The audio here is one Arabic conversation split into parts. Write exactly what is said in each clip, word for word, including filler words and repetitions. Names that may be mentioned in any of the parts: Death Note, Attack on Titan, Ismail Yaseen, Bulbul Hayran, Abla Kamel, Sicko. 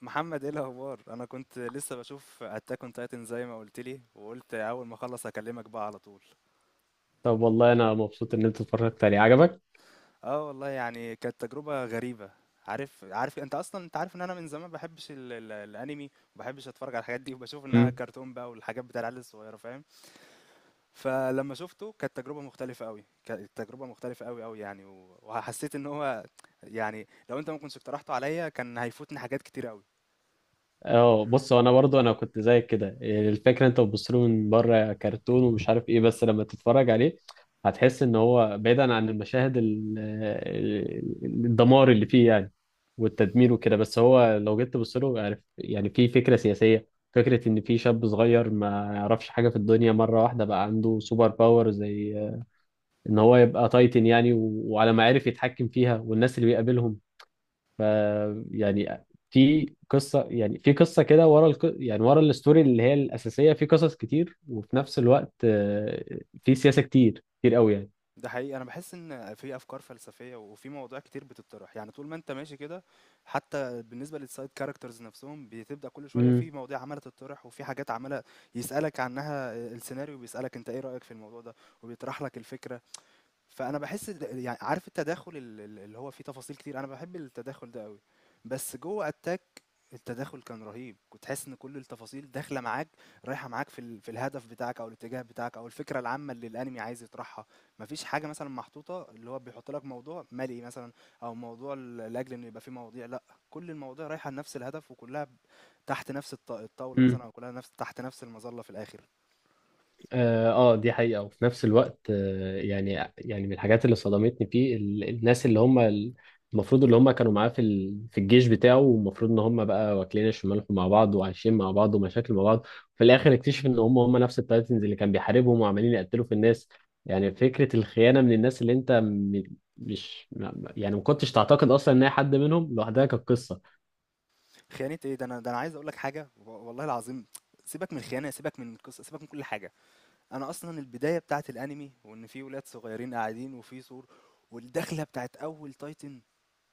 محمد، ايه الاخبار؟ انا كنت لسه بشوف اتاك اون تايتن زي ما قلت لي، وقلت اول ما اخلص اكلمك بقى على طول. طب، والله انا مبسوط ان انت اتفرجت عليه عجبك. اه والله، يعني كانت تجربه غريبه. عارف، عارف انت اصلا، انت عارف ان انا من زمان ما بحبش ال ال الانمي، وما بحبش اتفرج على الحاجات دي، وبشوف انها امم. كرتون بقى والحاجات بتاع العيال الصغيره، فاهم. فلما شفته كانت تجربه مختلفه قوي، كانت تجربه مختلفه قوي قوي يعني، و- وحسيت ان هو، يعني لو انت ما كنتش اقترحته عليا كان هيفوتني حاجات كتير قوي. اه، بص، هو انا برضو انا كنت زيك كده، يعني الفكره انت بتبص له من بره كرتون ومش عارف ايه، بس لما تتفرج عليه هتحس ان هو بعيدا عن المشاهد ال- ال- الدمار اللي فيه يعني، والتدمير وكده. بس هو لو جيت تبص له، عارف، يعني في فكره سياسيه، فكره ان في شاب صغير ما يعرفش حاجه في الدنيا مره واحده بقى عنده سوبر باور، زي ان هو يبقى تايتن يعني، و- وعلى ما عرف يتحكم فيها والناس اللي بيقابلهم. ف يعني في قصه يعني في قصه كده ورا الق... يعني ورا الستوري اللي هي الاساسيه في قصص كتير. وفي نفس الوقت آه، في سياسه كتير كتير قوي يعني. ده حقيقي، انا بحس ان في افكار فلسفيه وفي مواضيع كتير بتطرح، يعني طول ما انت ماشي كده. حتى بالنسبه للسايد كاركترز نفسهم بتبدا كل شويه في مواضيع عماله تطرح، وفي حاجات عماله يسالك عنها. السيناريو بيسالك انت ايه رايك في الموضوع ده، وبيطرح لك الفكره. فانا بحس، د- يعني عارف التداخل، ال- ال- اللي هو فيه تفاصيل كتير، انا بحب التداخل ده قوي. بس جوه اتاك التداخل كان رهيب، كنت حاسس ان كل التفاصيل داخله معاك، رايحه معاك في ال... في الهدف بتاعك او الاتجاه بتاعك او الفكره العامه اللي الانمي عايز يطرحها. مفيش حاجه مثلا محطوطه، اللي هو بيحط لك موضوع مالي مثلا، او موضوع ل- لاجل انه يبقى فيه مواضيع، لا، كل المواضيع رايحه لنفس الهدف، وكلها ب- تحت نفس الط... الطاوله امم. مثلا، او كلها نفس، تحت نفس المظله في الاخر. اه آه، دي حقيقة. وفي نفس الوقت آه، يعني يعني من الحاجات اللي صدمتني فيه ال- الناس اللي هم ال- المفروض اللي هم كانوا معاه في ال- في الجيش بتاعه، والمفروض ان هم بقى واكلين الشمال مع بعض وعايشين مع بعض ومشاكل مع بعض، في الاخر اكتشف ان هم هم نفس التايتنز اللي كان بيحاربهم وعمالين يقتلوا في الناس. يعني فكرة الخيانة من الناس اللي انت م- مش ما- يعني ما كنتش تعتقد اصلا ان هي حد منهم، لوحدها كانت قصة. خيانة ايه ده! انا ده، انا عايز اقول لك حاجة، و- والله العظيم، سيبك من الخيانة، سيبك من القصة، سيبك من كل حاجة. انا اصلا البداية بتاعت الانمي، وان في ولاد صغيرين قاعدين وفي سور، والدخلة بتاعت اول تايتن،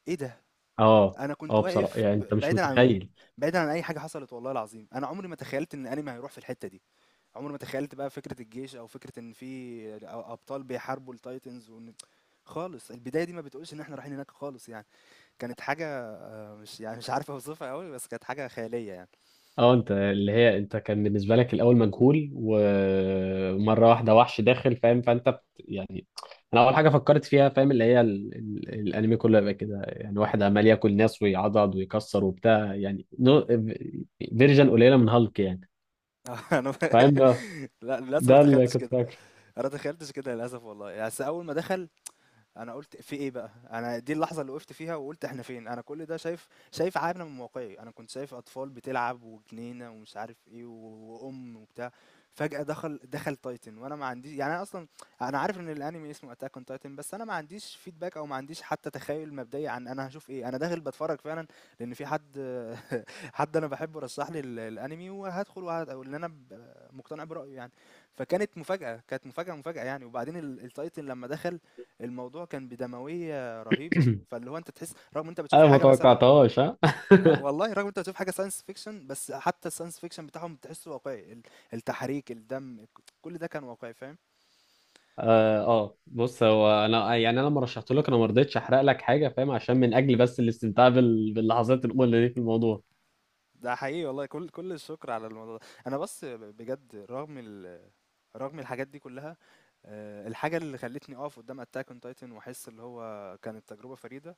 ايه ده! اه. انا كنت اه بصراحة واقف يعني انت ب- مش بعيدا عن، متخيل. بعيدا عن اي حاجة حصلت. والله العظيم انا عمري ما تخيلت ان الانمي هيروح في الحتة دي. عمري ما تخيلت بقى فكرة الجيش، او فكرة ان في أ- ابطال بيحاربوا التايتنز، وان خالص البداية دي ما بتقولش ان احنا رايحين هناك خالص يعني. كانت حاجة، مش يعني مش عارف اوصفها قوي، بس كانت حاجة خيالية يعني. اه، انت اللي هي انت كان بالنسبه لك الاول مجهول، ومره واحده وحش داخل، فاهم؟ فانت بت... يعني انا اول حاجه فكرت فيها، فاهم، اللي هي ال... ال... الانمي كله يبقى كده، يعني واحد عمال ياكل ناس ويعضض ويكسر وبتاع، يعني نو... فيرجن قليله من هالك يعني، آه، أنا ب فاهم بقى؟ لأ، للأسف ما ده اللي تخيّلتش كنت كده، فاكره. أنا ما تخيّلتش كده للأسف والله. يعني بس أول ما دخل أنا قُلت في إيه بقى؟ أنا دي اللحظة اللي وقفت فيها وقُلت إحنا فين؟ أنا كل ده شايف، شايف عارة من واقعي. أنا كنت شايف أطفال بتلعب وجنينة ومش عارف إيه، و- وأُم وبتاع، فجأة دخل دخل Titan، وأنا ما عنديش يعني، أنا أصلًا أنا عارف إن الأنمي اسمه Attack on Titan، بس أنا ما عنديش feedback، أو ما عنديش حتى تخيُّل مبدئي عن أنا هاشوف إيه. أنا داخل باتفرّج فعلًا، لإن في حد حد أنا باحبه رشّح لي ال الأنمي، وهادخل وهاد، أو إن أنا ب مقتنع برأيه يعني. فكانت مفاجأة، كانت مفاجأة، مفاجأة يعني. وبعدين ال الTitan لمّا دخل، الموضوع كان بدموية رهيبة، فاللي هو انت تحس رغم انت بتشوف انا ما حاجة مثلا، توقعتهاش ها. آه، والله رغم انت بتشوف حاجة ساينس فيكشن، بس حتى الساينس فيكشن بتاعهم بتحسه واقعي. ال- التحريك، الدم، كل ده كان واقعي، فاهم. اه آه. بص، هو انا يعني انا لما رشحت لك انا ما رضيتش احرق لك حاجه، فاهم، عشان من اجل بس الاستمتاع بال... باللحظات الاولى دي في الموضوع. ده حقيقي والله، كل كل الشكر على الموضوع ده. انا بس بجد رغم ال... رغم الحاجات دي كلها، آه، الحاجة اللي خلتني اقف قدام اتاك اون تايتن واحس اللي هو كانت تجربة فريدة،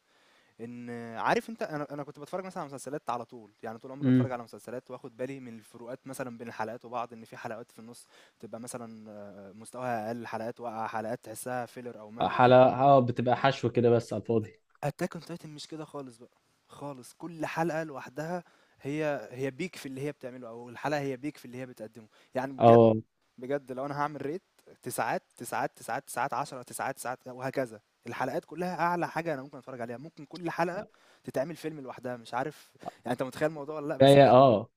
إن، عارف أنت، أنا أنا كنت باتفرّج مثلًا على مسلسلات على طول، يعني طول عمري باتفرّج امم. على مسلسلات، وآخُد بالي من الفروقات مثلًا بين الحلقات وبعض، إن في حلقات في النُص تبقى مثلًا آه، مستواها أقل، حلقات واقعة، حلقات تحسّها filler أو مَلْي. حلا اه، بتبقى حشو كده بس على الفاضي. Attack on Titan مش كده خالص بقى، خالص، كل حلقة لوحدها هي هي peak في اللي هي بتعمله، أو الحلقة هي peak في اللي هي بتقدّمه. يعني بجد، اه بجد لو انا هعمل ريت، تسعات تسعات تسعات تسعات عشرة تسعات تسعات وهكذا. الحلقات كلها اعلى حاجه انا ممكن اتفرج عليها، ممكن كل حلقه تتعمل فيلم لوحدها. مش عارف يعني انت متخيل الموضوع ولا لا، بس كفايه. بجد اه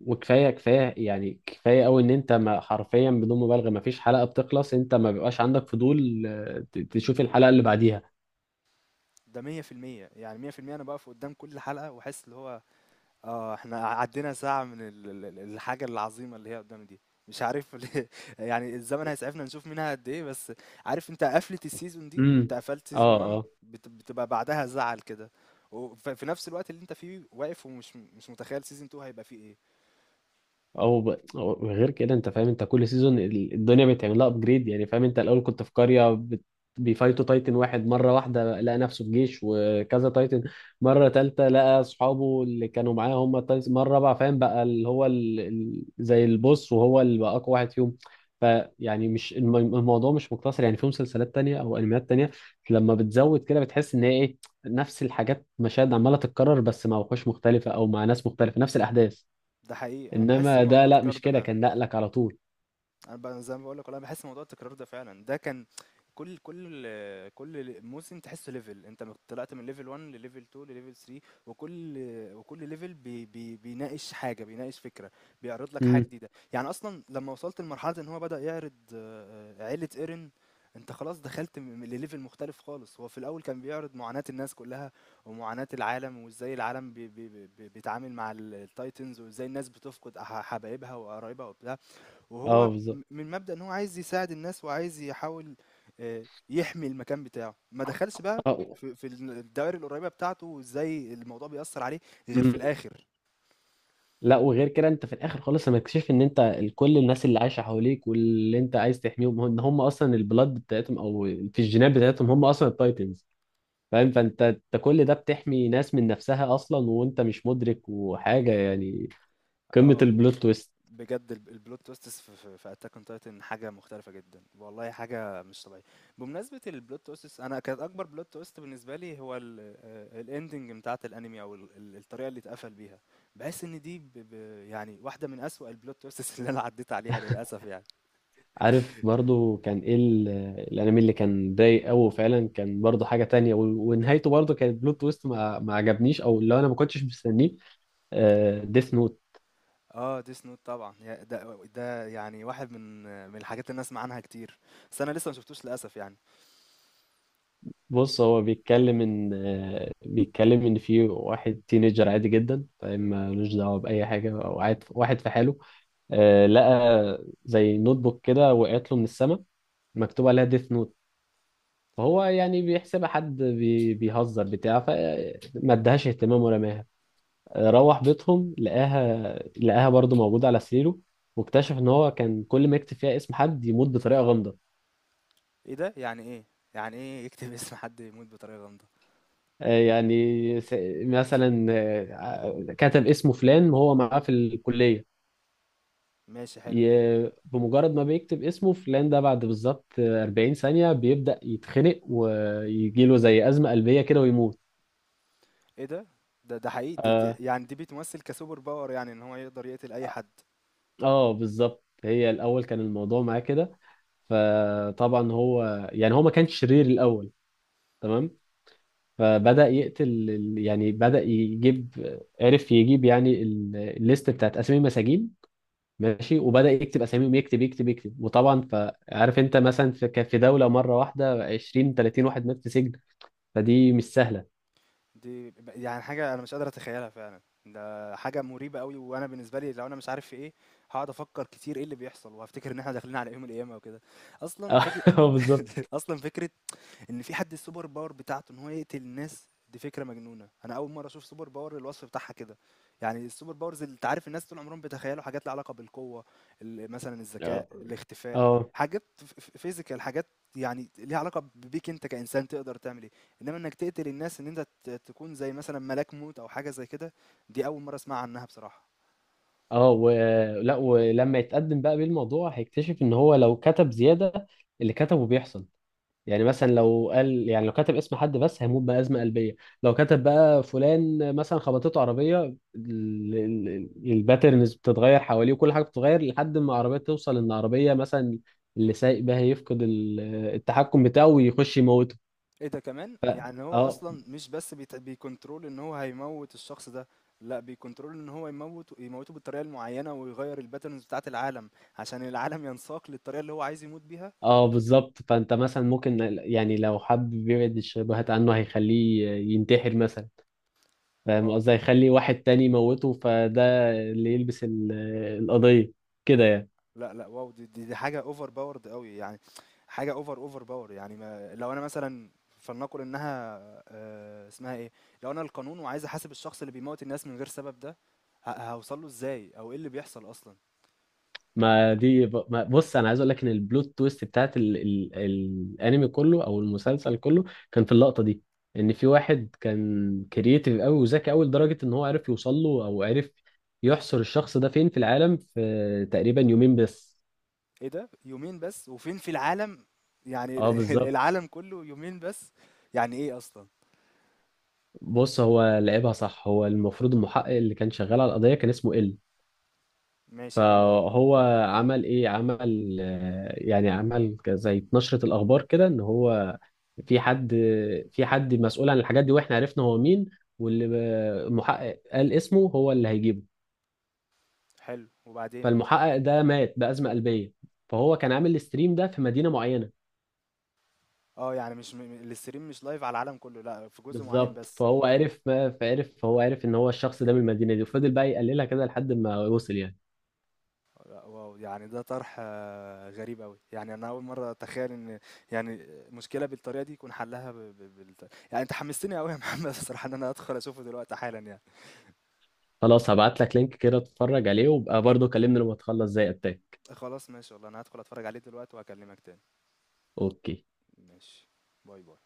وكفايه، كفايه يعني كفايه قوي ان انت، ما حرفيا بدون مبالغه، ما فيش حلقه بتخلص انت ما بيبقاش عندك فضول آه، ت- تشوف الحلقه اللي بعديها. ده مية في المية. يعني مية في المية انا بقف قدام كل حلقه واحس اللي هو، آه، إحنا عدّينا ساعة من ال ال ال الحاجة العظيمة اللي هي قدّامي دي. مش عارف ليه، يعني الزمن هيسعفنا نشوف منها قد إيه. بس عارف أنت قفلة السيزون دي، امم. أنت قفلت سيزون اه واحد اه. بت بتبقى بعدها زعل كده، وف في نفس الوقت اللي أنت فيه واقف ومش مش متخيّل سيزون اتنين هيبقى فيه إيه. او ب... أو غير كده، انت فاهم، انت كل سيزون ال- الدنيا بتعمل لها ابجريد يعني، فاهم؟ انت الاول كنت في قريه بت... بيفايتوا تايتن واحد، مره واحده لقى نفسه في جيش وكذا تايتن، مره تالته لقى اصحابه اللي كانوا معاه هم التايتن، مره رابعه فاهم بقى اللي هو ال... ال... زي البوس وهو اللي بقى اقوى واحد فيهم. فيعني مش الم... الموضوع مش مقتصر، يعني في مسلسلات تانية او انميات تانية لما بتزود كده بتحس ان هي ايه، نفس الحاجات مشاهد عماله تتكرر بس مع وحوش مختلفه او مع ناس مختلفه، نفس الاحداث. ده حقيقي، أنا باحس انما ده الموضوع لا، تكرار مش ده كده، فعلًا. كان نقلك على طول. انا ب- زي ما بقول لك انا بحس موضوع التكرار ده فعلا. ده كان كل كل كل موسم تحسه ليفل، انت طلعت من ليفل واحد لليفل اتنين لليفل تلاتة، وكل وكل ليفل بي بي بيناقش حاجه، بيناقش فكره، بيعرض لك حاجه امم. جديده. يعني اصلا لما وصلت لمرحله ان هو بدأ يعرض آه، آه، عيله ايرن، انت خلاص دخلت م- م- لليفل مختلف خالص. هو في الاول كان بيعرض معاناة الناس كلها ومعاناة العالم، وازاي العالم بي بي بي بي- بيتعامل مع ال- التايتنز، وازاي الناس بتفقد أح- حبايبها وقرايبها وبتاع، اه وهو بالظبط. م- من مبدأ إن هو عايز يساعد الناس، وعايز يحاول آه، يحمي المكان بتاعه، ما دخلش بقى اه. في في الدوائر القريبة بتاعته، وازاي الموضوع بيأثر عليه غير في امم. الآخر. لا، وغير كده انت في الاخر خالص لما تكتشف ان انت ال- كل الناس اللي عايشه حواليك واللي انت عايز تحميهم، هم- ان هم اصلا البلاد بتاعتهم او في الجينات بتاعتهم هم اصلا التايتنز، فاهم؟ فانت انت كل ده بتحمي ناس من نفسها اصلا وانت مش مدرك وحاجه، يعني قمه اه البلوت تويست. بجد ال- البلوت تويستس في في, في اتاك اون تايتن حاجة مختلفة جدا، والله حاجة مش طبيعية. بمناسبة البلوت تويستس، انا كانت اكبر بلوت تويست بالنسبة لي هو الاندنج بتاعت الانمي، او ال- ال- الطريقة اللي اتقفل بيها. بحس ان دي ب ب يعني واحدة من أسوأ البلوت تويستس اللي انا عديت عليها للأسف يعني. عارف برضو كان ايه ال- الانمي اللي كان ضايق قوي فعلا؟ كان برضو حاجه تانية، و- ونهايته برضو كانت بلوت تويست ما, ما عجبنيش او اللي انا ما كنتش مستنيه، ديث نوت. آه Death Note طبعًا، يا ده ده يعني واحد من، من الحاجات اللي أنا أسمع عنها كتير، بس أنا لسه ما شفتوش للأسف يعني. بص، هو بيتكلم ان آه، بيتكلم ان في واحد تينيجر عادي جدا، فاهم، ملوش دعوه باي حاجه او قاعد واحد في حاله، آه، لقى زي نوت بوك كده وقعت له من السما مكتوب عليها ديث نوت. فهو يعني بيحسبها حد بي- بيهزر بتاع فما ادهاش اهتمام ورماها. روح بيتهم لقاها لقاها برضه موجودة على سريره، واكتشف ان هو كان كل ما يكتب فيها اسم حد يموت بطريقة غامضة. إيه ده! يعني إيه! يعني إيه يكتب اسم حد يموت بطريقة غامضة؟ آه، يعني س- مثلا آه، كتب اسمه فلان وهو معاه في الكلية، ماشي حلو. ي- بمجرد ما بيكتب اسمه فلان ده، بعد بالظبط 40 ثانية بيبدأ يتخنق ويجيله زي أزمة قلبية كده ويموت. إيه ده! ده، ده حقيقي د د اه يعني دي بتمثل كsuper power، يعني إن هو يقدر يقتل أي حد. آه، بالظبط. هي الأول كان الموضوع معاه كده، فطبعا هو يعني هو ما كانش شرير الأول، تمام؟ فبدأ يقتل، ال- يعني بدأ يجيب، عرف يجيب يعني ال- الليست بتاعت أسامي المساجين، ماشي، وبدأ يكتب أساميهم، يكتب يكتب يكتب، وطبعا، فعارف أنت مثلا في كان في دولة مرة واحدة عشرين تلاتين واحد مات في سجن، فدي مش سهلة. دي ب يعني حاجة أنا مش قادر أتخيلها فعلًا، ده حاجة مريبة أوي. وأنا بالنسبة لي لو أنا مش عارف في إيه، هاقعد أفكر كتير إيه اللي بيحصل، وهافتكر إن إحنا داخلين على يوم القيامة وكده. أصلًا فكر اه بالظبط. أصلًا فكرة ان في حد السوبر باور بتاعته ان هو يقتل الناس، دي فكره مجنونه. انا اول مره اشوف سوبر باور الوصف بتاعها كده. يعني السوبر باورز، اللي انت عارف الناس طول عمرهم بيتخيلوا حاجات لها علاقه بالقوه، ال- مثلا الذكاء، اه الاختفاء، اه. حاجات فيزيكال، حاجات يعني ليها علاقه بيك انت كانسان تقدر تعمل ايه. انما انك تقتل الناس، ان انت ت- تكون زي مثلا ملاك موت او حاجه زي كده، دي اول مره اسمع عنها بصراحه. اه، ولا ولما يتقدم بقى بالموضوع هيكتشف ان هو لو كتب زيادة اللي كتبه بيحصل. يعني مثلا لو قال، يعني لو كتب اسم حد بس هيموت بأزمة قلبية، لو كتب بقى فلان مثلا خبطته عربية، ال- ال- ال- الباترنز بتتغير حواليه وكل حاجة بتتغير لحد ما العربية توصل، ان عربية مثلا اللي سايق بها يفقد ال- التحكم بتاعه ويخش يموته. ايه ده كمان! ف... يعني هو اه. اصلا مش بس بيت- بيكنترول ان هو هيموت الشخص ده، لا بيكنترول ان هو يموت، يموته بالطريقه المعينه، ويغير الباترنز بتاعه العالم، عشان العالم ينساق للطريقه اللي هو عايز يموت بيها. اه بالظبط. فانت مثلا ممكن يعني لو حابب يبعد الشبهات عنه هيخليه ينتحر مثلا، فاهم واو، قصدي، هيخلي واحد تاني يموته، فده اللي يلبس ال- القضية كده يعني. لا لا واو، دي دي, دي حاجه اوفر باورد قوي يعني، حاجه اوفر، اوفر باور يعني. ما لو انا مثلا، فلنقل انها آه، اسمها ايه، لو انا القانون وعايز احاسب الشخص اللي بيموت الناس من غير سبب ده، ه- هوصل له ازاي، او ايه اللي بيحصل اصلا؟ ما دي ب- ما بص، انا عايز اقول لك ان البلوت تويست بتاعت ال ال الانمي كله او المسلسل كله كان في اللقطه دي، ان في واحد كان كرييتيف قوي وذكي قوي لدرجه ان هو عرف يوصل له، او عرف يحصر الشخص ده فين في العالم، في تقريبا يومين بس. إيه ده؟ يومين بس وفين في العالم؟ يعني اه ال- بالظبط. العالم كله يومين بس! يعني ايه اصلا؟ بص، هو لعبها صح، هو المفروض المحقق اللي كان شغال على القضيه كان اسمه ال. ماشي حلو قوي. فهو عمل ايه؟ عمل آه، يعني عمل ك- زي نشرة الاخبار كده ان هو في حد في حد مسؤول عن الحاجات دي واحنا عرفنا هو مين، واللي ب- المحقق قال اسمه هو اللي هيجيبه، حلو، وبعدين؟ فالمحقق ده مات بأزمة قلبية. فهو كان عامل الستريم ده في مدينة معينة، اه يعني مش م... م- الاستريم مش لايف على العالم كله، لا في جزء معين بالظبط. بس. فهو عرف فعرف فهو عرف ان هو الشخص ده من المدينة دي، وفضل بقى يقللها كده لحد ما وصل يعني. لا واو، يعني ده طرح آه، غريب قوي. يعني انا اول مره اتخيل ان، يعني مشكله بالطريقه دي يكون حلها ب... ب... بالت... يعني انت حمستني قوي يا محمد الصراحه ان انا ادخل اشوفه دلوقتي حالا يعني. خلاص، هبعت لك لينك كده، اتفرج عليه وابقى برضه كلمني لما تخلص زي التاني. خلاص ماشي والله، انا هدخل اتفرج عليه دلوقتي، وهكلمك تاني. اوكي. ماشي. باي باي.